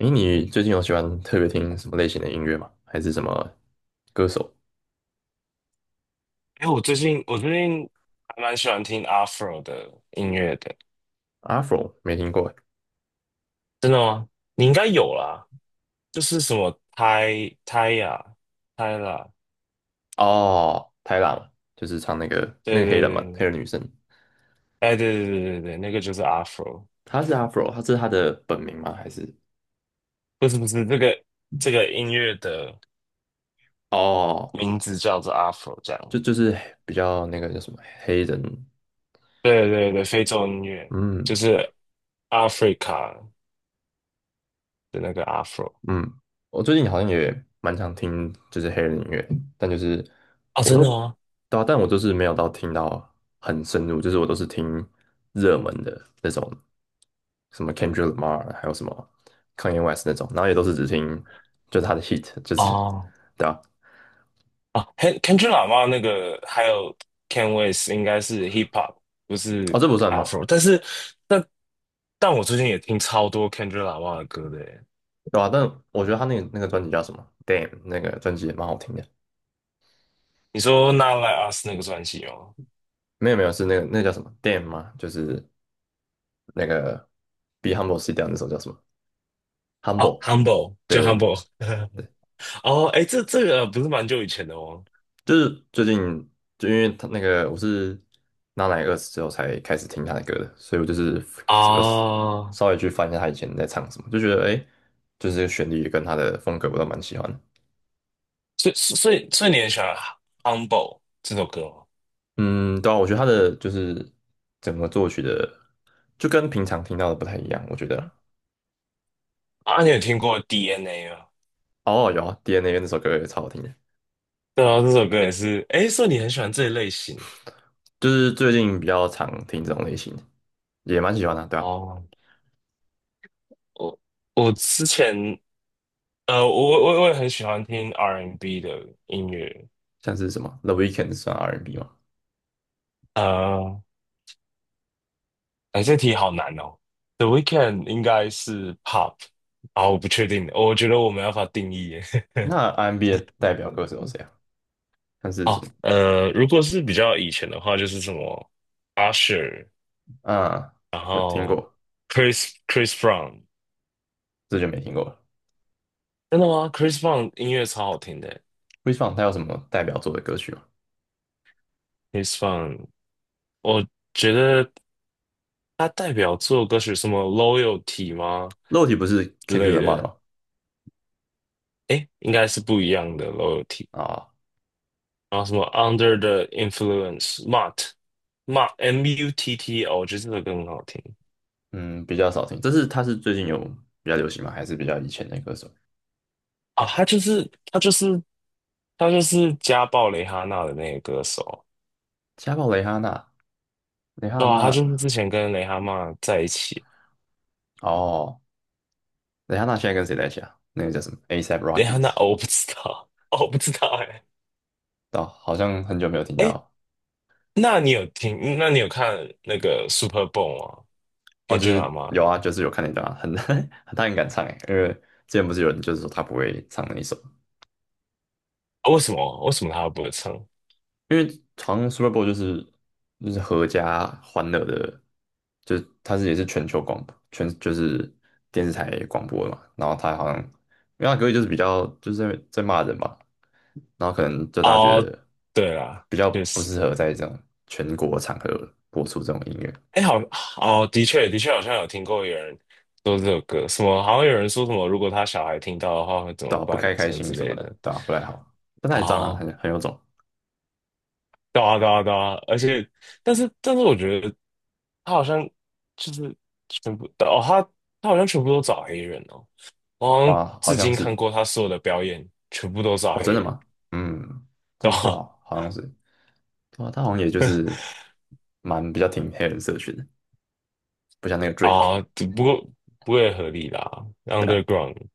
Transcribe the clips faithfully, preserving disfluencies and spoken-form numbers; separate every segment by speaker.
Speaker 1: 诶，你最近有喜欢特别听什么类型的音乐吗？还是什么歌手
Speaker 2: 哎，我最近我最近还蛮喜欢听 Afro 的音乐的，
Speaker 1: ？Afro 没听过诶。
Speaker 2: 真的吗？你应该有啦，就是什么泰泰 i 泰 a
Speaker 1: 哦，泰拉嘛，就是唱那个那
Speaker 2: 对
Speaker 1: 个黑
Speaker 2: 对
Speaker 1: 人
Speaker 2: 对
Speaker 1: 嘛，黑
Speaker 2: 对，
Speaker 1: 人女生。
Speaker 2: 哎对对对对对，那个就是 Afro，
Speaker 1: 她是 Afro，她是她的本名吗？还是
Speaker 2: 不是，不是，这个这个音乐的
Speaker 1: 哦，
Speaker 2: 名字叫做 Afro 这样，
Speaker 1: 就就是比较那个叫什么黑人？
Speaker 2: 对对对，非洲音乐就
Speaker 1: 嗯。
Speaker 2: 是 Africa 的那个 Afro。
Speaker 1: 嗯，我最近好像也蛮常听就是黑人音乐，但就是
Speaker 2: 哦，
Speaker 1: 我
Speaker 2: 真
Speaker 1: 都
Speaker 2: 的吗？
Speaker 1: 对啊，但我就是没有到听到很深入，就是我都是听热门的那种，什么 Kendrick Lamar,还有什么 Kanye West 那种，然后也都是只听就是他的 hit,就是
Speaker 2: 哦，
Speaker 1: 对啊。
Speaker 2: 啊，Ken Kendrick Lamar 那个还有 Ken West 应该是 Hip Hop，不
Speaker 1: 哦，
Speaker 2: 是
Speaker 1: 这不算吗？
Speaker 2: Afro。但是，但但我最近也听超多 Kendrick Lamar 的歌的耶。
Speaker 1: 对啊，但我觉得他那个那个专辑叫什么？Damn,那个专辑也蛮好听的。
Speaker 2: 你说《Not Like Us》那个专辑吗？
Speaker 1: 没有没有，是那个那个叫什么 Damn 吗？就是那个 Be Humble Sit Down 那首叫什么
Speaker 2: 哦
Speaker 1: ？Humble,
Speaker 2: ，Humble
Speaker 1: 对
Speaker 2: 就
Speaker 1: 对。
Speaker 2: Humble。哦，哎，这这个不是蛮久以前的哦。
Speaker 1: 就是最近，就因为他那个，我是娜奶二十之后才开始听他的歌的，所以我就是有
Speaker 2: 啊，
Speaker 1: 稍微去翻一下他以前在唱什么，就觉得诶，就是这个旋律跟他的风格我都蛮喜欢的。
Speaker 2: 所以所以所以你很喜欢《Humble》这首歌吗？
Speaker 1: 嗯，对啊，我觉得他的就是整个作曲的，就跟平常听到的不太一样，我觉得。
Speaker 2: 嗯，啊，你有听过 D N A 吗？
Speaker 1: 哦，有啊，D N A 那首歌也超好听的。
Speaker 2: 对啊，这首歌也是。哎，所以你很喜欢这一类型
Speaker 1: 就是最近比较常听这种类型的，也蛮喜欢的啊，对
Speaker 2: 哦。
Speaker 1: 啊。
Speaker 2: 哦，我我之前呃，我我我也很喜欢听 R and B N 的音乐。
Speaker 1: 像是什么 The Weeknd 算 R and B n 吗？
Speaker 2: 呃，哎，这题好难哦。The Weeknd e 应该是 pop 啊，我不确定，我觉得我没办法定义耶。
Speaker 1: 那 R and B n 的代表歌手有谁啊？像是什
Speaker 2: 哦，
Speaker 1: 么？
Speaker 2: 呃，如果是比较以前的话，就是什么 Usher，
Speaker 1: 啊，
Speaker 2: 然
Speaker 1: 有听
Speaker 2: 后
Speaker 1: 过。
Speaker 2: Chris Chris Brown。
Speaker 1: 这就没听过了。
Speaker 2: 真的吗？Chris Brown 音乐超好听的
Speaker 1: Chris Brown 他有什么代表作的歌曲吗？
Speaker 2: ，Chris Brown，我觉得他代表作歌曲什么 Loyalty 吗
Speaker 1: 肉体不是
Speaker 2: 之
Speaker 1: Kendrick
Speaker 2: 类
Speaker 1: Lamar
Speaker 2: 的，
Speaker 1: 吗？
Speaker 2: 诶，应该是不一样的 Loyalty。
Speaker 1: 啊，
Speaker 2: 然后什么 Under the Influence Mutt Mutt M U T T 哦，我觉得这首歌很好听。
Speaker 1: 嗯，比较少听。这是，他是最近有比较流行吗？还是比较以前的歌手？
Speaker 2: 啊，他就是他就是他就是家暴蕾哈娜的那个歌手。
Speaker 1: 家暴蕾哈娜，蕾哈
Speaker 2: 对啊。他
Speaker 1: 娜，
Speaker 2: 就是之前跟蕾哈娜在一起。
Speaker 1: 哦。蕾哈娜现在跟谁在一起啊？那个叫什么 A$AP
Speaker 2: 蕾哈娜，
Speaker 1: Rockies?
Speaker 2: 哦，我不知道，哦，我不知道，哎、
Speaker 1: 哦，好像很久没有听
Speaker 2: 哎，
Speaker 1: 到。
Speaker 2: 那你有听？那你有看那个 Super Bowl 吗？
Speaker 1: 哦，
Speaker 2: 天
Speaker 1: 就
Speaker 2: 君喇
Speaker 1: 是
Speaker 2: 嘛
Speaker 1: 有
Speaker 2: 的、啊，
Speaker 1: 啊，就是有看那段啊，很 他很敢唱诶。因为之前不是有人就是说他不会唱那一首，
Speaker 2: 为什么为什么他不会唱？
Speaker 1: 因为好像 Super Bowl 就是就是合家欢乐的，就是它是也是全球广播，全就是电视台广播的嘛。然后它好像，因为它歌就是比较就是在在骂人嘛，然后可能就大家觉
Speaker 2: 哦，
Speaker 1: 得
Speaker 2: 对啦，
Speaker 1: 比较
Speaker 2: 确
Speaker 1: 不
Speaker 2: 实。
Speaker 1: 适合在这种全国场合播出这种音乐。
Speaker 2: 哎，好。哦，的确，的确，好像有听过有人说这首歌，什么好像有人说什么，如果他小孩听到的话会怎
Speaker 1: 对
Speaker 2: 么
Speaker 1: 啊，不
Speaker 2: 办，
Speaker 1: 开开
Speaker 2: 什么
Speaker 1: 心
Speaker 2: 之
Speaker 1: 什么
Speaker 2: 类
Speaker 1: 的，
Speaker 2: 的。
Speaker 1: 对啊，不太好。但它也这样啊，
Speaker 2: 哦，
Speaker 1: 很很有种。
Speaker 2: 对啊，对啊，对啊，而且，但是，但是，我觉得他好像就是全部。哦，他他好像全部都找黑人哦，我好
Speaker 1: 对
Speaker 2: 像
Speaker 1: 啊，好
Speaker 2: 至
Speaker 1: 像
Speaker 2: 今看
Speaker 1: 是。
Speaker 2: 过他所有的表演，全部都找
Speaker 1: 哦，真
Speaker 2: 黑
Speaker 1: 的
Speaker 2: 人，
Speaker 1: 吗？嗯，这
Speaker 2: 对
Speaker 1: 样说，
Speaker 2: 吧？
Speaker 1: 好，好像是。对啊，他好像也就是蛮比较挺黑人社群的，不像那个 Drake,
Speaker 2: 啊，只不过不会合理啦
Speaker 1: 对吧？
Speaker 2: ，Underground。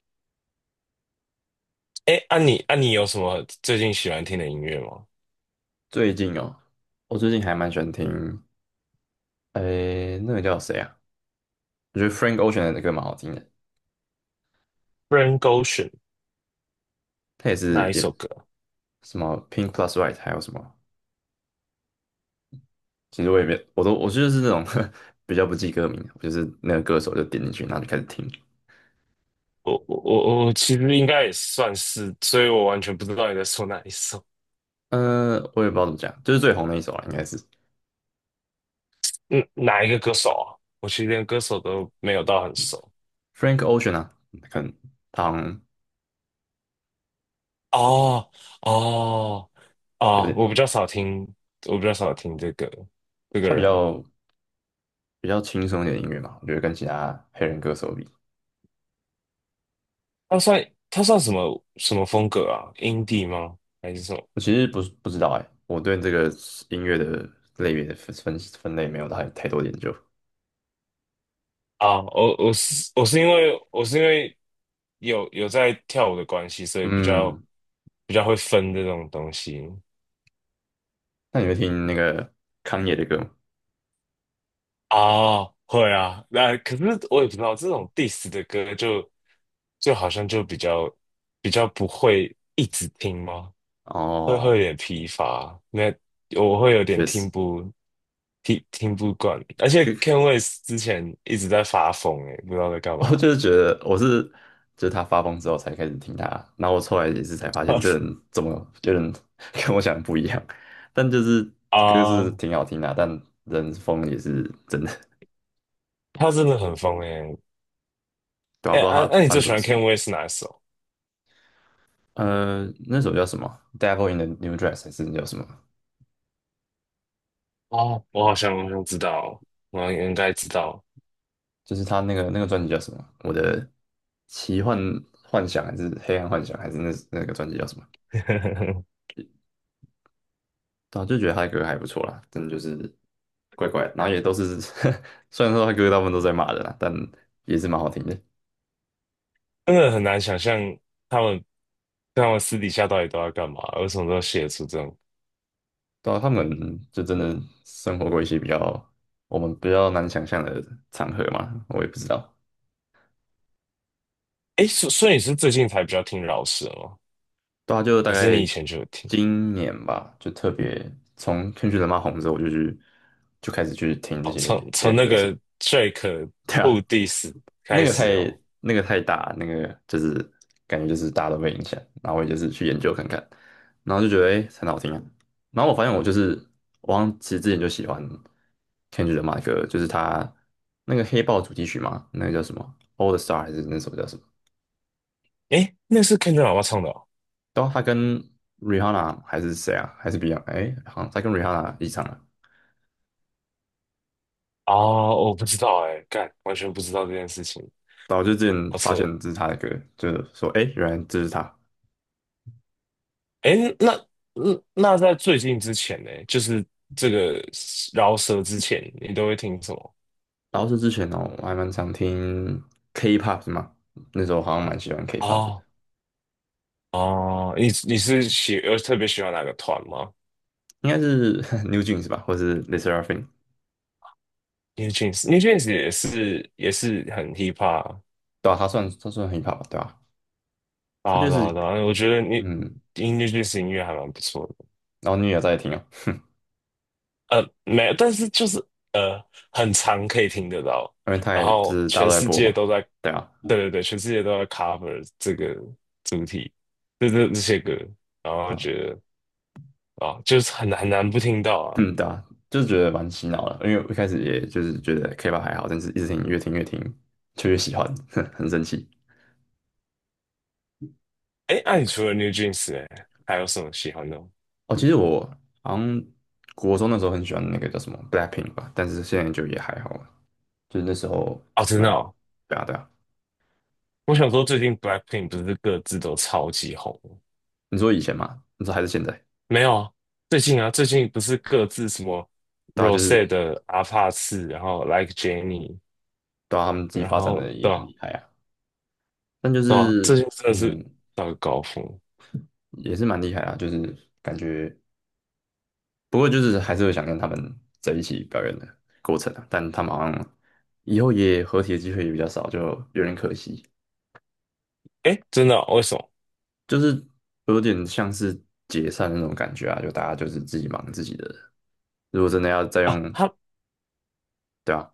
Speaker 2: 哎，啊你啊你有什么最近喜欢听的音乐吗
Speaker 1: 最近哦，我最近还蛮喜欢听，诶，那个叫谁啊？我觉得 Frank Ocean 的歌蛮好听的，
Speaker 2: ？Frank Ocean。
Speaker 1: 他也是
Speaker 2: 哪一
Speaker 1: 也
Speaker 2: 首歌？
Speaker 1: 什么 Pink Plus White,还有什么？其实我也没，我都我就是那种 比较不记歌名，我就是那个歌手就点进去，然后就开始听。
Speaker 2: 我我我我其实应该也算是，所以我完全不知道你在说哪一首。
Speaker 1: 呃，我也不知道怎么讲，就是最红的一首啊，应该是
Speaker 2: 嗯，哪一个歌手啊？我其实连歌手都没有到很熟。
Speaker 1: Frank Ocean 啊。可能他好像
Speaker 2: 哦哦
Speaker 1: 有
Speaker 2: 哦，
Speaker 1: 点，
Speaker 2: 我比较少听，我比较少听这个这个
Speaker 1: 他比
Speaker 2: 人。
Speaker 1: 较比较轻松一点的音乐嘛，我觉得跟其他黑人歌手比。
Speaker 2: 他算他算什么什么风格啊？indie 吗？还是什么？
Speaker 1: 我其实不是不知道哎、我对这个音乐的类别的分分分类没有太太多研究。
Speaker 2: 啊，我我是我是因为我是因为有有在跳舞的关系，所以比较
Speaker 1: 嗯，
Speaker 2: 比较会分这种东西。
Speaker 1: 那你会听那个康也的歌吗？
Speaker 2: 啊，会啊，那、可是我也不知道这种 diss 的歌就就好像就比较比较不会一直听吗？会会有
Speaker 1: 哦，
Speaker 2: 点疲乏，那我会有点
Speaker 1: 确实，
Speaker 2: 听不听听不惯。而且
Speaker 1: 跟
Speaker 2: Ken w e s 之前一直在发疯诶、不知道在干 嘛。
Speaker 1: 我就是觉得我是就是他发疯之后才开始听他，然后我后来也是才发现这 人怎么有点 跟我想的不一样。但就是歌是
Speaker 2: 啊，
Speaker 1: 挺好听的啊，但人疯也是真的，
Speaker 2: 他真的很疯诶、欸、
Speaker 1: 对啊，
Speaker 2: 诶、
Speaker 1: 不知
Speaker 2: 那
Speaker 1: 道他
Speaker 2: 啊，那、你
Speaker 1: 发
Speaker 2: 最
Speaker 1: 生什
Speaker 2: 喜
Speaker 1: 么
Speaker 2: 欢
Speaker 1: 事。
Speaker 2: Ken West 哪一首？
Speaker 1: 呃，那首叫什么？Devil in the New Dress 还是叫什么？
Speaker 2: 哦，我好像我好像知道，我应该知道。
Speaker 1: 就是他那个那个专辑叫什么？我的奇幻幻想还是黑暗幻想，还是那那个专辑叫什么？对啊，就觉得他的歌还不错啦，真的就是怪怪的，然后也都是 虽然说他歌大部分都在骂人啦，但也是蛮好听的。
Speaker 2: 真的很难想象。他但我私底下到底都在干嘛？为什么都要写出这种？
Speaker 1: 对啊，他们就真的生活过一些比较我们比较难想象的场合嘛，我也不知道。
Speaker 2: 哎，所所以你是最近才比较听饶舌吗？
Speaker 1: 对啊，就大
Speaker 2: 还
Speaker 1: 概
Speaker 2: 是你以前就有听？
Speaker 1: 今年吧，就特别从《天气人妈》红之后，我就去就开始去听这
Speaker 2: 哦，
Speaker 1: 些
Speaker 2: 从
Speaker 1: 别
Speaker 2: 从
Speaker 1: 人
Speaker 2: 那
Speaker 1: 歌手。
Speaker 2: 个 Drake Who Dis
Speaker 1: 那
Speaker 2: 开
Speaker 1: 个
Speaker 2: 始
Speaker 1: 太，
Speaker 2: 哦。
Speaker 1: 那个太大，那个就是感觉就是大家都被影响，然后我也就是去研究看看，然后就觉得哎、诶，很好听啊。然后我发现我就是我好像其实之前就喜欢《天气人妈》的歌，就是他那个黑豹主题曲嘛，那个叫什么《All the Star》还是那首叫什么？
Speaker 2: 哎，那是 Kendrick 老爸唱的哦。
Speaker 1: 对啊，他跟 Rihanna 还是谁啊？还是 Beyond?哎、好像他跟 Rihanna 一起唱了。
Speaker 2: 哦，我不知道哎，干，完全不知道这件事情，
Speaker 1: 然后就之前
Speaker 2: 好
Speaker 1: 发
Speaker 2: 扯
Speaker 1: 现
Speaker 2: 哦。
Speaker 1: 这是他的歌，就是说，哎，原来这是他。
Speaker 2: 哎，那嗯那在最近之前呢，就是这个饶舌之前，你都会听什么？
Speaker 1: 然后是之前哦，我还蛮常听 K-pop 的嘛，那时候好像蛮喜欢 K-pop 的，
Speaker 2: 哦，哦，你你是喜呃特别喜欢哪个团吗？
Speaker 1: 应该是 New Jeans 吧，或是 l e s s e r a f i m。
Speaker 2: New Jeans，New Jeans 也是也是很 hip hop
Speaker 1: 对啊，他算他算 hip hop 对吧？他
Speaker 2: 啊，
Speaker 1: 就
Speaker 2: 对啊
Speaker 1: 是
Speaker 2: 对啊我觉得 New
Speaker 1: 嗯。
Speaker 2: New Jeans 音乐还蛮不错的。
Speaker 1: 然后你也有在听哦，
Speaker 2: 呃，没，有，但是就是呃，很常可以听得到，
Speaker 1: 因为他
Speaker 2: 然
Speaker 1: 也就
Speaker 2: 后
Speaker 1: 是大家
Speaker 2: 全
Speaker 1: 都在
Speaker 2: 世
Speaker 1: 播
Speaker 2: 界
Speaker 1: 嘛，
Speaker 2: 都在。
Speaker 1: 对啊，
Speaker 2: 对对对，全世界都在 cover 这个主题，这这这些歌，然
Speaker 1: 对
Speaker 2: 后
Speaker 1: 啊。
Speaker 2: 觉得啊，就是很很难不听到啊。
Speaker 1: 嗯，对啊，就是觉得蛮洗脑的，因为我一开始也就是觉得 K-pop 还好，但是一直听，越听越听就越喜欢，很神奇。
Speaker 2: 哎，那、你除了 New Jeans，哎，还有什么喜欢的吗？
Speaker 1: 哦，其实我好像国中那时候很喜欢那个叫什么 Blackpink 吧，但是现在就也还好了，就是那时候
Speaker 2: 哦，真
Speaker 1: 蛮，
Speaker 2: 的哦，
Speaker 1: 对啊对啊。
Speaker 2: 我想说最近 Blackpink 不是各自都超级红。
Speaker 1: 你说以前嘛，你说还是现在，
Speaker 2: 没有啊，最近啊，最近不是各自什么
Speaker 1: 对
Speaker 2: r
Speaker 1: 啊，
Speaker 2: o
Speaker 1: 就
Speaker 2: s
Speaker 1: 是
Speaker 2: e 的阿帕次，然后 Like Jenny，
Speaker 1: 对啊，他们自己
Speaker 2: 然
Speaker 1: 发展
Speaker 2: 后
Speaker 1: 的也
Speaker 2: 对
Speaker 1: 很
Speaker 2: 啊，
Speaker 1: 厉害啊，但就
Speaker 2: 对啊，最
Speaker 1: 是
Speaker 2: 近真的是
Speaker 1: 嗯，
Speaker 2: 到了高峰。
Speaker 1: 也是蛮厉害啊，就是感觉。不过就是还是会想跟他们在一起表演的过程啊，但他们好像以后也合体的机会也比较少，就有点可惜。
Speaker 2: 诶，真的哦，为什么？
Speaker 1: 就是有点像是解散那种感觉啊，就大家就是自己忙自己的。如果真的要再用，
Speaker 2: 啊，他
Speaker 1: 对啊，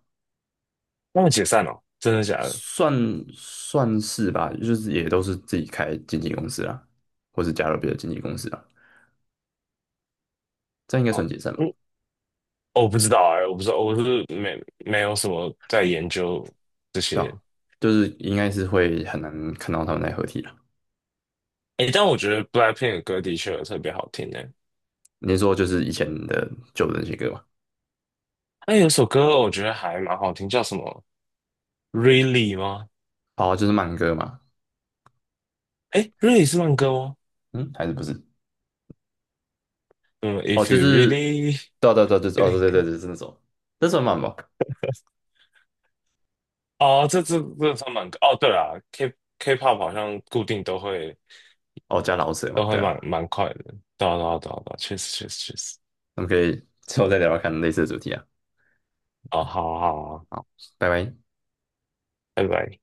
Speaker 2: 他们解散了哦，真的假的？
Speaker 1: 算算是吧，就是也都是自己开经纪公司啊，或是加入别的经纪公司啊，这样应该算
Speaker 2: 哦，
Speaker 1: 解散吧？
Speaker 2: 嗯，哦，我不知道啊，我不知道，我是没没有什么在研究这
Speaker 1: 对
Speaker 2: 些。
Speaker 1: 啊，就是应该是会很难看到他们在合体了。
Speaker 2: 哎，但我觉得 BLACKPINK 的歌的确有特别好听的。
Speaker 1: 你说就是以前的旧的那些歌嘛？
Speaker 2: 哎，有首歌我觉得还蛮好听，叫什么？Really 吗？
Speaker 1: 哦，就是慢歌嘛？
Speaker 2: 哎，Really 是慢歌吗？
Speaker 1: 嗯，还是不是？
Speaker 2: 嗯
Speaker 1: 哦，
Speaker 2: ，If
Speaker 1: 就
Speaker 2: you
Speaker 1: 是，
Speaker 2: really。
Speaker 1: 对啊对啊对啊，就是哦对对对，就是那首，那算慢吧？
Speaker 2: 哦，这这这算蛮哦，对啦，K K-pop 好像固定都会
Speaker 1: 哦，加老舍嘛，
Speaker 2: 都会
Speaker 1: 对啊。
Speaker 2: 蛮蛮快的，对啊对啊对啊对啊，确实确实确实。
Speaker 1: 我们可以之后再聊聊看类似的主题啊。
Speaker 2: 哦，好好好啊，
Speaker 1: 好，拜拜。
Speaker 2: 拜拜。